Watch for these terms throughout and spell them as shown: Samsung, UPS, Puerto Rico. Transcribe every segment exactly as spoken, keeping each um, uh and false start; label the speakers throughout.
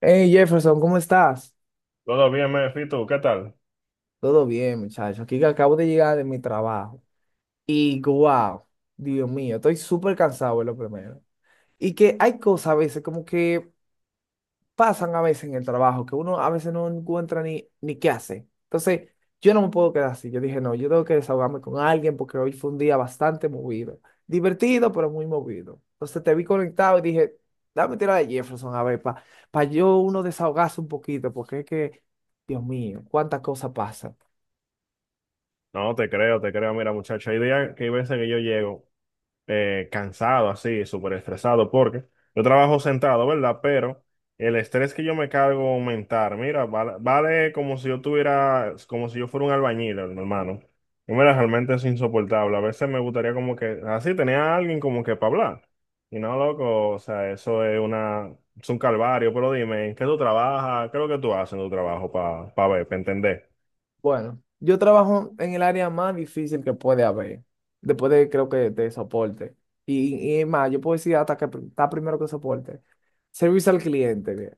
Speaker 1: Hey Jefferson, ¿cómo estás?
Speaker 2: Todo bien, Mefito, ¿qué tal?
Speaker 1: Todo bien, muchacho. Aquí que acabo de llegar de mi trabajo. Y wow, Dios mío, estoy súper cansado, es lo primero. Y que hay cosas a veces como que pasan a veces en el trabajo, que uno a veces no encuentra ni, ni qué hacer. Entonces, yo no me puedo quedar así. Yo dije, no, yo tengo que desahogarme con alguien porque hoy fue un día bastante movido. Divertido, pero muy movido. Entonces te vi conectado y dije, dame tira de Jefferson a ver, para yo uno desahogarse un poquito, porque es que, Dios mío, cuántas cosas pasan.
Speaker 2: No, te creo, te creo. Mira, muchacho, hay días que hay veces que yo llego eh, cansado, así, súper estresado, porque yo trabajo sentado, ¿verdad? Pero el estrés que yo me cargo aumentar, mira, vale, vale como si yo tuviera, como si yo fuera un albañil, hermano. Y mira, realmente es insoportable. A veces me gustaría como que, así, tenía a alguien como que para hablar. Y no, loco, o sea, eso es una, es un calvario, pero dime, ¿en qué tú trabajas? ¿Qué es lo que tú haces en tu trabajo para ver, para entender?
Speaker 1: Bueno, yo trabajo en el área más difícil que puede haber, después de creo que de soporte. Y, y es más, yo puedo decir hasta que pr- está primero que soporte. Servicio al cliente, mira.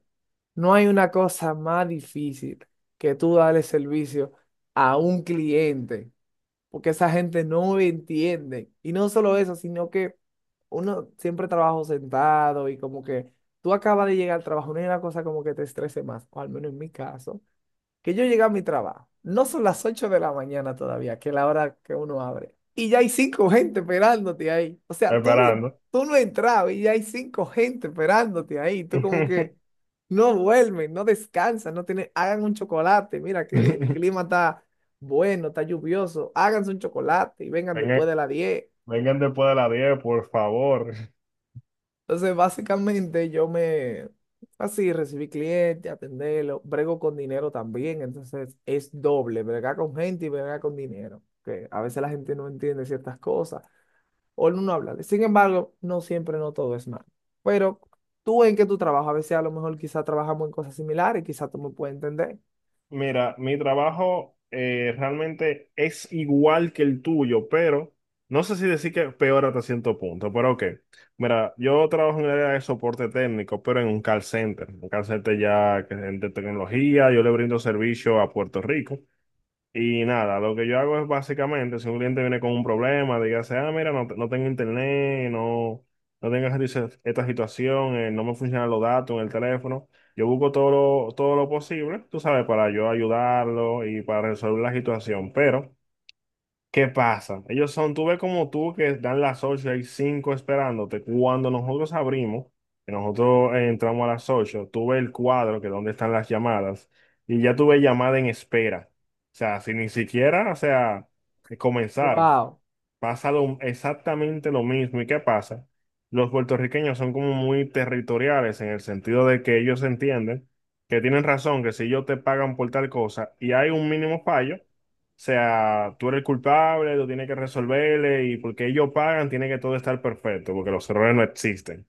Speaker 1: No hay una cosa más difícil que tú darle servicio a un cliente, porque esa gente no entiende. Y no solo eso, sino que uno siempre trabaja sentado y como que tú acabas de llegar al trabajo, no hay una cosa como que te estrese más, o al menos en mi caso que yo llegué a mi trabajo, no son las ocho de la mañana todavía, que es la hora que uno abre, y ya hay cinco gente esperándote ahí. O sea, tú no, en-
Speaker 2: Esperando.
Speaker 1: tú no entrabas y ya hay cinco gente esperándote ahí. Tú como que no duermen, no descansan, no tienen, hagan un chocolate. Mira que el
Speaker 2: Vengan,
Speaker 1: clima está bueno, está lluvioso, háganse un chocolate y vengan después de las diez.
Speaker 2: vengan después de las diez, por favor.
Speaker 1: Entonces, básicamente yo me, así, recibí clientes, atenderlo, brego con dinero también, entonces es doble, bregar con gente y bregar con dinero, que a veces la gente no entiende ciertas cosas o no habla. Sin embargo, no siempre, no todo es malo. Pero tú en que tú trabajas, a veces a lo mejor quizás trabajamos en cosas similares, quizás tú me puedes entender.
Speaker 2: Mira, mi trabajo eh, realmente es igual que el tuyo, pero no sé si decir que peor hasta cierto punto, pero ok. Mira, yo trabajo en el área de soporte técnico, pero en un call center. Un call center ya que es de tecnología, yo le brindo servicio a Puerto Rico. Y nada, lo que yo hago es básicamente, si un cliente viene con un problema, dígase, ah, mira, no, te- no tengo internet, no, no tengo esta dice- esta situación, eh, no me funcionan los datos en el teléfono, yo busco todo lo, todo lo posible, tú sabes, para yo ayudarlo y para resolver la situación, pero... ¿Qué pasa? Ellos son, tú ves como tú que dan las ocho hay cinco esperándote. Cuando nosotros abrimos, que nosotros eh, entramos a las ocho, tú ves el cuadro que donde están las llamadas y ya tuve llamada en espera. O sea, sin ni siquiera, o sea, comenzar,
Speaker 1: Wow.
Speaker 2: pasa lo- exactamente lo mismo. ¿Y qué pasa? Los puertorriqueños son como muy territoriales, en el sentido de que ellos entienden que tienen razón, que si ellos te pagan por tal cosa y hay un mínimo fallo, o sea, tú eres el culpable, tú tienes que resolverle, y porque ellos pagan, tiene que todo estar perfecto, porque los errores no existen.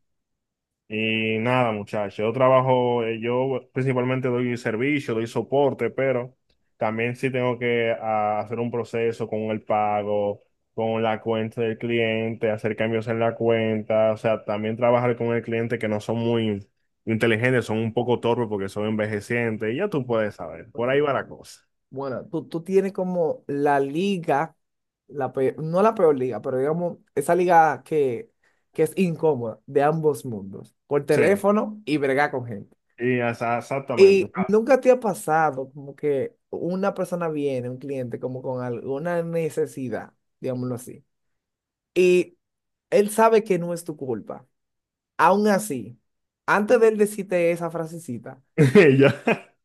Speaker 2: Y nada, muchachos, yo trabajo, eh, yo principalmente doy servicio, doy soporte, pero también sí tengo que ah, hacer un proceso con el pago, con la cuenta del cliente, hacer cambios en la cuenta, o sea, también trabajar con el cliente que no son muy inteligentes, son un poco torpes porque son envejecientes, y ya tú puedes saber, por ahí va la cosa.
Speaker 1: Bueno, tú, tú tienes como la liga, la peor no la peor liga, pero digamos, esa liga que, que es incómoda de ambos mundos, por
Speaker 2: Sí,
Speaker 1: teléfono y bregar con gente.
Speaker 2: y esa- exactamente.
Speaker 1: Y nunca te ha pasado como que una persona viene, un cliente, como con alguna necesidad, digámoslo así, y él sabe que no es tu culpa. Aún así, antes de él decirte esa frasecita,
Speaker 2: Ya,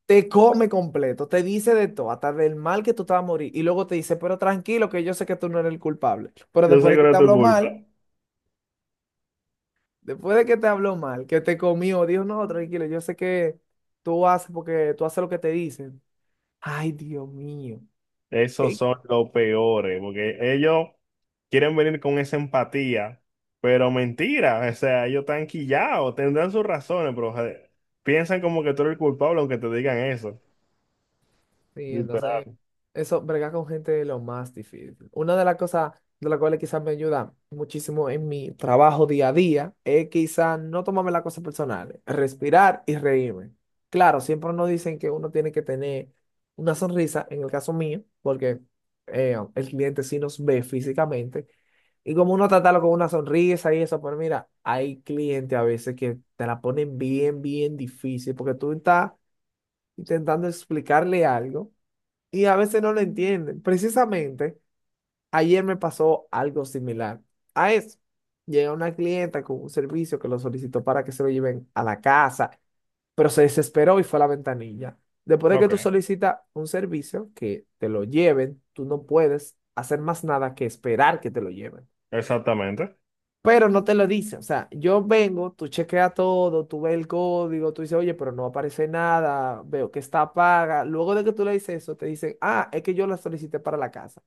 Speaker 1: te come completo, te dice de todo, hasta del mal que tú te vas a morir. Y luego te dice, pero tranquilo, que yo sé que tú no eres el culpable. Pero
Speaker 2: yo sé
Speaker 1: después de
Speaker 2: que
Speaker 1: que
Speaker 2: no
Speaker 1: te
Speaker 2: es tu
Speaker 1: habló
Speaker 2: culpa.
Speaker 1: mal, después de que te habló mal, que te comió, dijo, no, tranquilo, yo sé que tú haces porque tú haces lo que te dicen. Ay, Dios mío.
Speaker 2: Esos son los peores, porque ellos quieren venir con esa empatía, pero mentira, o sea, ellos están quillados, tendrán sus razones, pero joder, piensan como que tú eres el culpable aunque te digan eso,
Speaker 1: Sí, entonces,
Speaker 2: literal.
Speaker 1: eso, bregar con gente es lo más difícil. Una de las cosas de las cuales quizás me ayuda muchísimo en mi trabajo día a día es quizás no tomarme las cosas personales, respirar y reírme. Claro, siempre nos dicen que uno tiene que tener una sonrisa, en el caso mío, porque eh, el cliente sí nos ve físicamente, y como uno tratarlo con una sonrisa y eso, pero mira, hay clientes a veces que te la ponen bien, bien difícil, porque tú estás intentando explicarle algo y a veces no lo entienden. Precisamente ayer me pasó algo similar a eso. Llega una clienta con un servicio que lo solicitó para que se lo lleven a la casa, pero se desesperó y fue a la ventanilla. Después de que
Speaker 2: Ok.
Speaker 1: tú solicitas un servicio que te lo lleven, tú no puedes hacer más nada que esperar que te lo lleven,
Speaker 2: Exactamente.
Speaker 1: pero no te lo dice. O sea, yo vengo, tú chequeas todo, tú ves el código, tú dices, oye, pero no aparece nada, veo que está paga. Luego de que tú le dices eso, te dicen, ah, es que yo la solicité para la casa.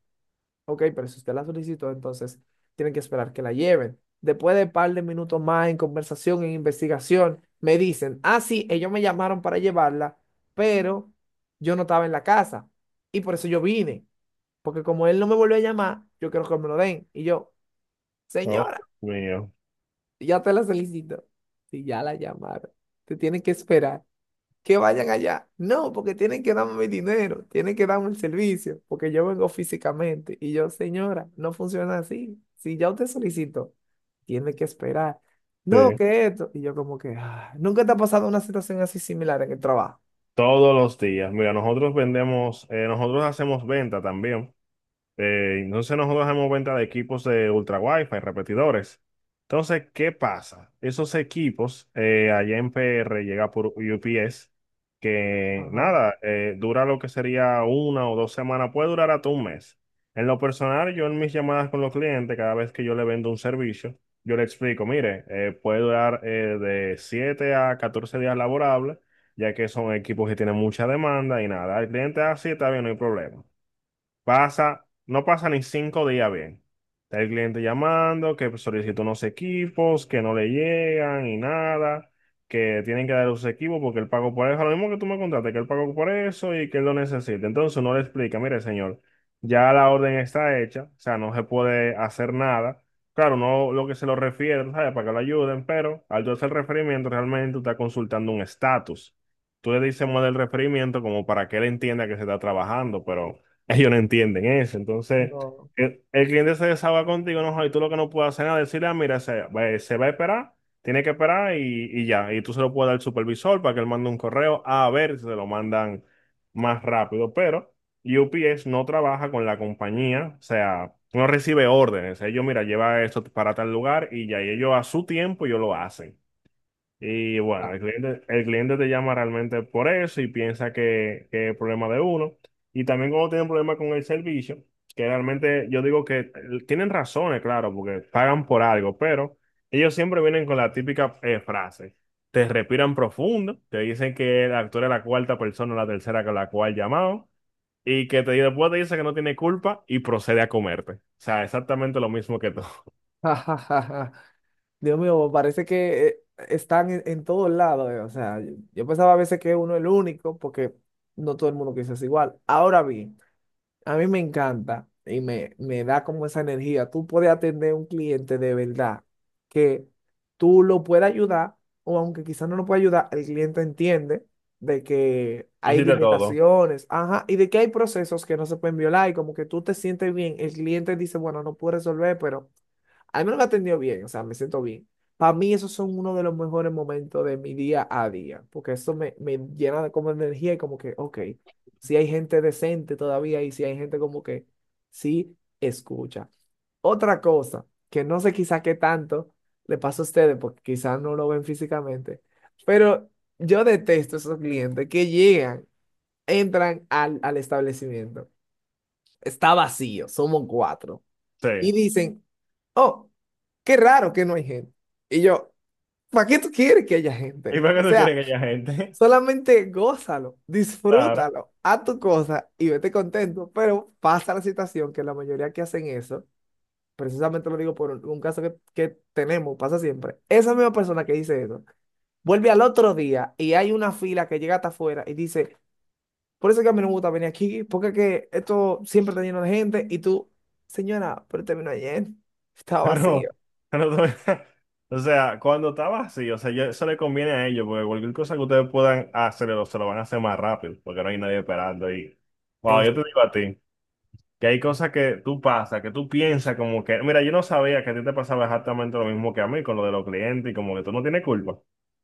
Speaker 1: Ok, pero si usted la solicitó, entonces tienen que esperar que la lleven. Después de un par de minutos más en conversación, en investigación, me dicen, ah, sí, ellos me llamaron para llevarla, pero yo no estaba en la casa. Y por eso yo vine, porque como él no me volvió a llamar, yo quiero que me lo den. Y yo,
Speaker 2: Oh,
Speaker 1: señora.
Speaker 2: Dios mío.
Speaker 1: Ya te la solicito. Si ya la llamaron, te tienen que esperar. Que vayan allá. No, porque tienen que darme mi dinero, tienen que darme el servicio, porque yo vengo físicamente. Y yo, señora, no funciona así. Si ya usted solicitó, tiene que esperar. No,
Speaker 2: Sí,
Speaker 1: que esto. Y yo como que, "Ah, ¿nunca te ha pasado una situación así similar en el trabajo?
Speaker 2: todos los días. Mira, nosotros vendemos, eh, nosotros hacemos venta también. Eh, entonces nosotros damos venta de equipos de ultra wifi, repetidores. Entonces, ¿qué pasa? Esos equipos eh, allá en P R llega por U P S, que
Speaker 1: Ajá,
Speaker 2: nada, eh, dura lo que sería una o dos semanas, puede durar hasta un mes. En lo personal, yo en mis llamadas con los clientes, cada vez que yo le vendo un servicio, yo le explico, mire, eh, puede durar eh, de siete a catorce días laborables, ya que son equipos que tienen mucha demanda, y nada, el cliente así está bien, no hay problema. Pasa, no pasa ni cinco días bien. Está el cliente llamando, que solicitó unos equipos, que no le llegan y nada, que tienen que dar los equipos porque él pagó por eso. Lo mismo que tú me contaste, que él pagó por eso y que él lo necesita. Entonces uno le explica, mire, señor, ya la orden está hecha, o sea, no se puede hacer nada. Claro, no, lo que se lo refiere, tú ¿sabes? Para que lo ayuden, pero al tú hacer el referimiento, realmente tú estás consultando un estatus. Tú le dices más del referimiento como para que él entienda que se está trabajando, pero ellos no entienden eso. Entonces,
Speaker 1: no.
Speaker 2: el, el cliente se desahoga contigo, no, y tú lo que no puedes hacer es decirle, ah, mira, se, va se va a esperar, tiene que esperar, y, y ya. Y tú se lo puedes dar al supervisor para que él mande un correo a ver si se lo mandan más rápido. Pero U P S no trabaja con la compañía, o sea, no recibe órdenes. Ellos, mira, lleva esto para tal lugar y ya, y ellos a su tiempo ellos lo hacen. Y bueno,
Speaker 1: Ah,
Speaker 2: el cliente, el cliente te llama realmente por eso y piensa que, que es problema de uno. Y también cuando tienen problemas con el servicio, que realmente yo digo que eh, tienen razones, claro, porque pagan por algo, pero ellos siempre vienen con la típica eh, frase. Te respiran profundo, te dicen que el actor es la cuarta persona o la tercera con la cual llamado, y que te, después te dice que no tiene culpa y procede a comerte. O sea, exactamente lo mismo que tú.
Speaker 1: ja, ja, ja, ja. Dios mío, parece que eh, están en, en todos lados, eh, o sea, yo, yo pensaba a veces que uno es el único, porque no todo el mundo piensa igual. Ahora bien, a mí me encanta y me, me da como esa energía. Tú puedes atender a un cliente de verdad, que tú lo puedas ayudar, o aunque quizás no lo pueda ayudar, el cliente entiende de que
Speaker 2: Tú
Speaker 1: hay
Speaker 2: hiciste todo.
Speaker 1: limitaciones, ajá, y de que hay procesos que no se pueden violar, y como que tú te sientes bien, el cliente dice, bueno, no puedo resolver, pero al menos me atendió bien, o sea, me siento bien. Para mí esos son uno de los mejores momentos de mi día a día, porque eso me, me llena de como energía y como que, ok, si hay gente decente todavía y si hay gente como que sí escucha. Otra cosa, que no sé quizá qué tanto le pasa a ustedes, porque quizás no lo ven físicamente, pero yo detesto esos clientes que llegan, entran al, al establecimiento, está vacío, somos cuatro y
Speaker 2: Sí.
Speaker 1: dicen, oh, qué raro que no hay gente. Y yo, ¿para qué tú quieres que haya
Speaker 2: ¿Y
Speaker 1: gente?
Speaker 2: para
Speaker 1: O
Speaker 2: qué tú
Speaker 1: sea,
Speaker 2: quieres que haya gente?
Speaker 1: solamente gózalo,
Speaker 2: Claro.
Speaker 1: disfrútalo, haz tu cosa y vete contento, pero pasa la situación que la mayoría que hacen eso, precisamente lo digo por un, un caso que, que tenemos, pasa siempre, esa misma persona que dice eso, vuelve al otro día y hay una fila que llega hasta afuera y dice, por eso es que a mí no me gusta venir aquí, porque es que esto siempre está lleno de gente y tú, señora, pero terminó ayer, estaba vacío.
Speaker 2: Pero, pero todavía- o sea, cuando estaba así, o sea, yo- eso le conviene a ellos, porque cualquier cosa que ustedes puedan hacer, lo- se lo van a hacer más rápido, porque no hay nadie esperando. Y, wow,
Speaker 1: Es-
Speaker 2: yo te digo a ti, que hay cosas que tú pasas, que tú piensas como que, mira, yo no sabía que a ti te pasaba exactamente lo mismo que a mí con lo de los clientes y como que tú no tienes culpa.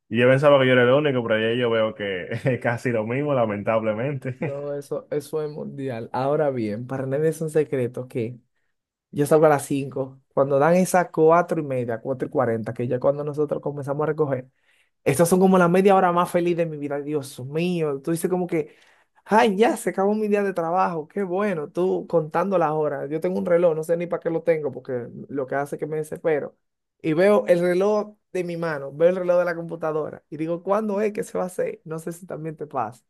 Speaker 2: Y yo pensaba que yo era el único, pero ya yo veo que es casi lo mismo, lamentablemente.
Speaker 1: no, eso, eso es mundial. Ahora bien, para nadie es un secreto que yo salgo a las cinco. Cuando dan esas cuatro y media, cuatro y cuarenta, que ya cuando nosotros comenzamos a recoger, estas son como la media hora más feliz de mi vida. Dios mío, tú dices como que, ay, ya se acabó mi día de trabajo, qué bueno, tú contando las horas. Yo tengo un reloj, no sé ni para qué lo tengo, porque lo que hace es que me desespero. Y veo el reloj de mi mano, veo el reloj de la computadora y digo, ¿cuándo es que se va a hacer? No sé si también te pasa.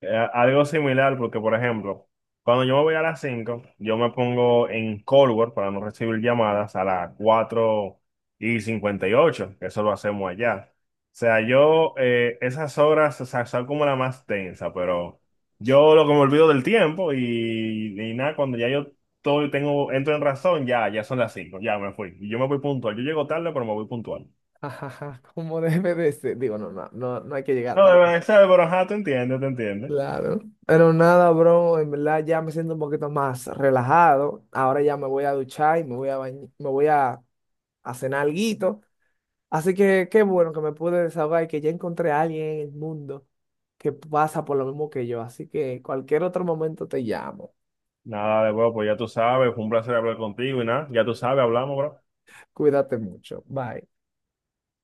Speaker 2: Eh, algo similar, porque por ejemplo, cuando yo me voy a las cinco yo me pongo en Cold War para no recibir llamadas a las cuatro y cincuenta y ocho, que eso lo hacemos allá. O sea, yo eh, esas horas, o sea, son como la más tensa, pero yo lo que me olvido del tiempo, y, y nada, cuando ya yo todo tengo, entro en razón, ya, ya son las cinco, ya me fui. Y yo me voy puntual, yo llego tarde, pero me voy puntual.
Speaker 1: Ajaja, como debe de ser. Digo, no, no, no, no hay que llegar
Speaker 2: No, de
Speaker 1: tal.
Speaker 2: verdad, pero ajá, te entiendo, te entiendo.
Speaker 1: Claro. Pero nada, bro, en verdad ya me siento un poquito más relajado. Ahora ya me voy a duchar y me voy a bañ- me voy a, a cenar alguito. Así que qué bueno que me pude desahogar y que ya encontré a alguien en el mundo que pasa por lo mismo que yo. Así que cualquier otro momento te llamo.
Speaker 2: Nada de huevo, pues ya tú sabes, fue un placer hablar contigo y nada, ya tú sabes, hablamos, bro.
Speaker 1: Cuídate mucho. Bye.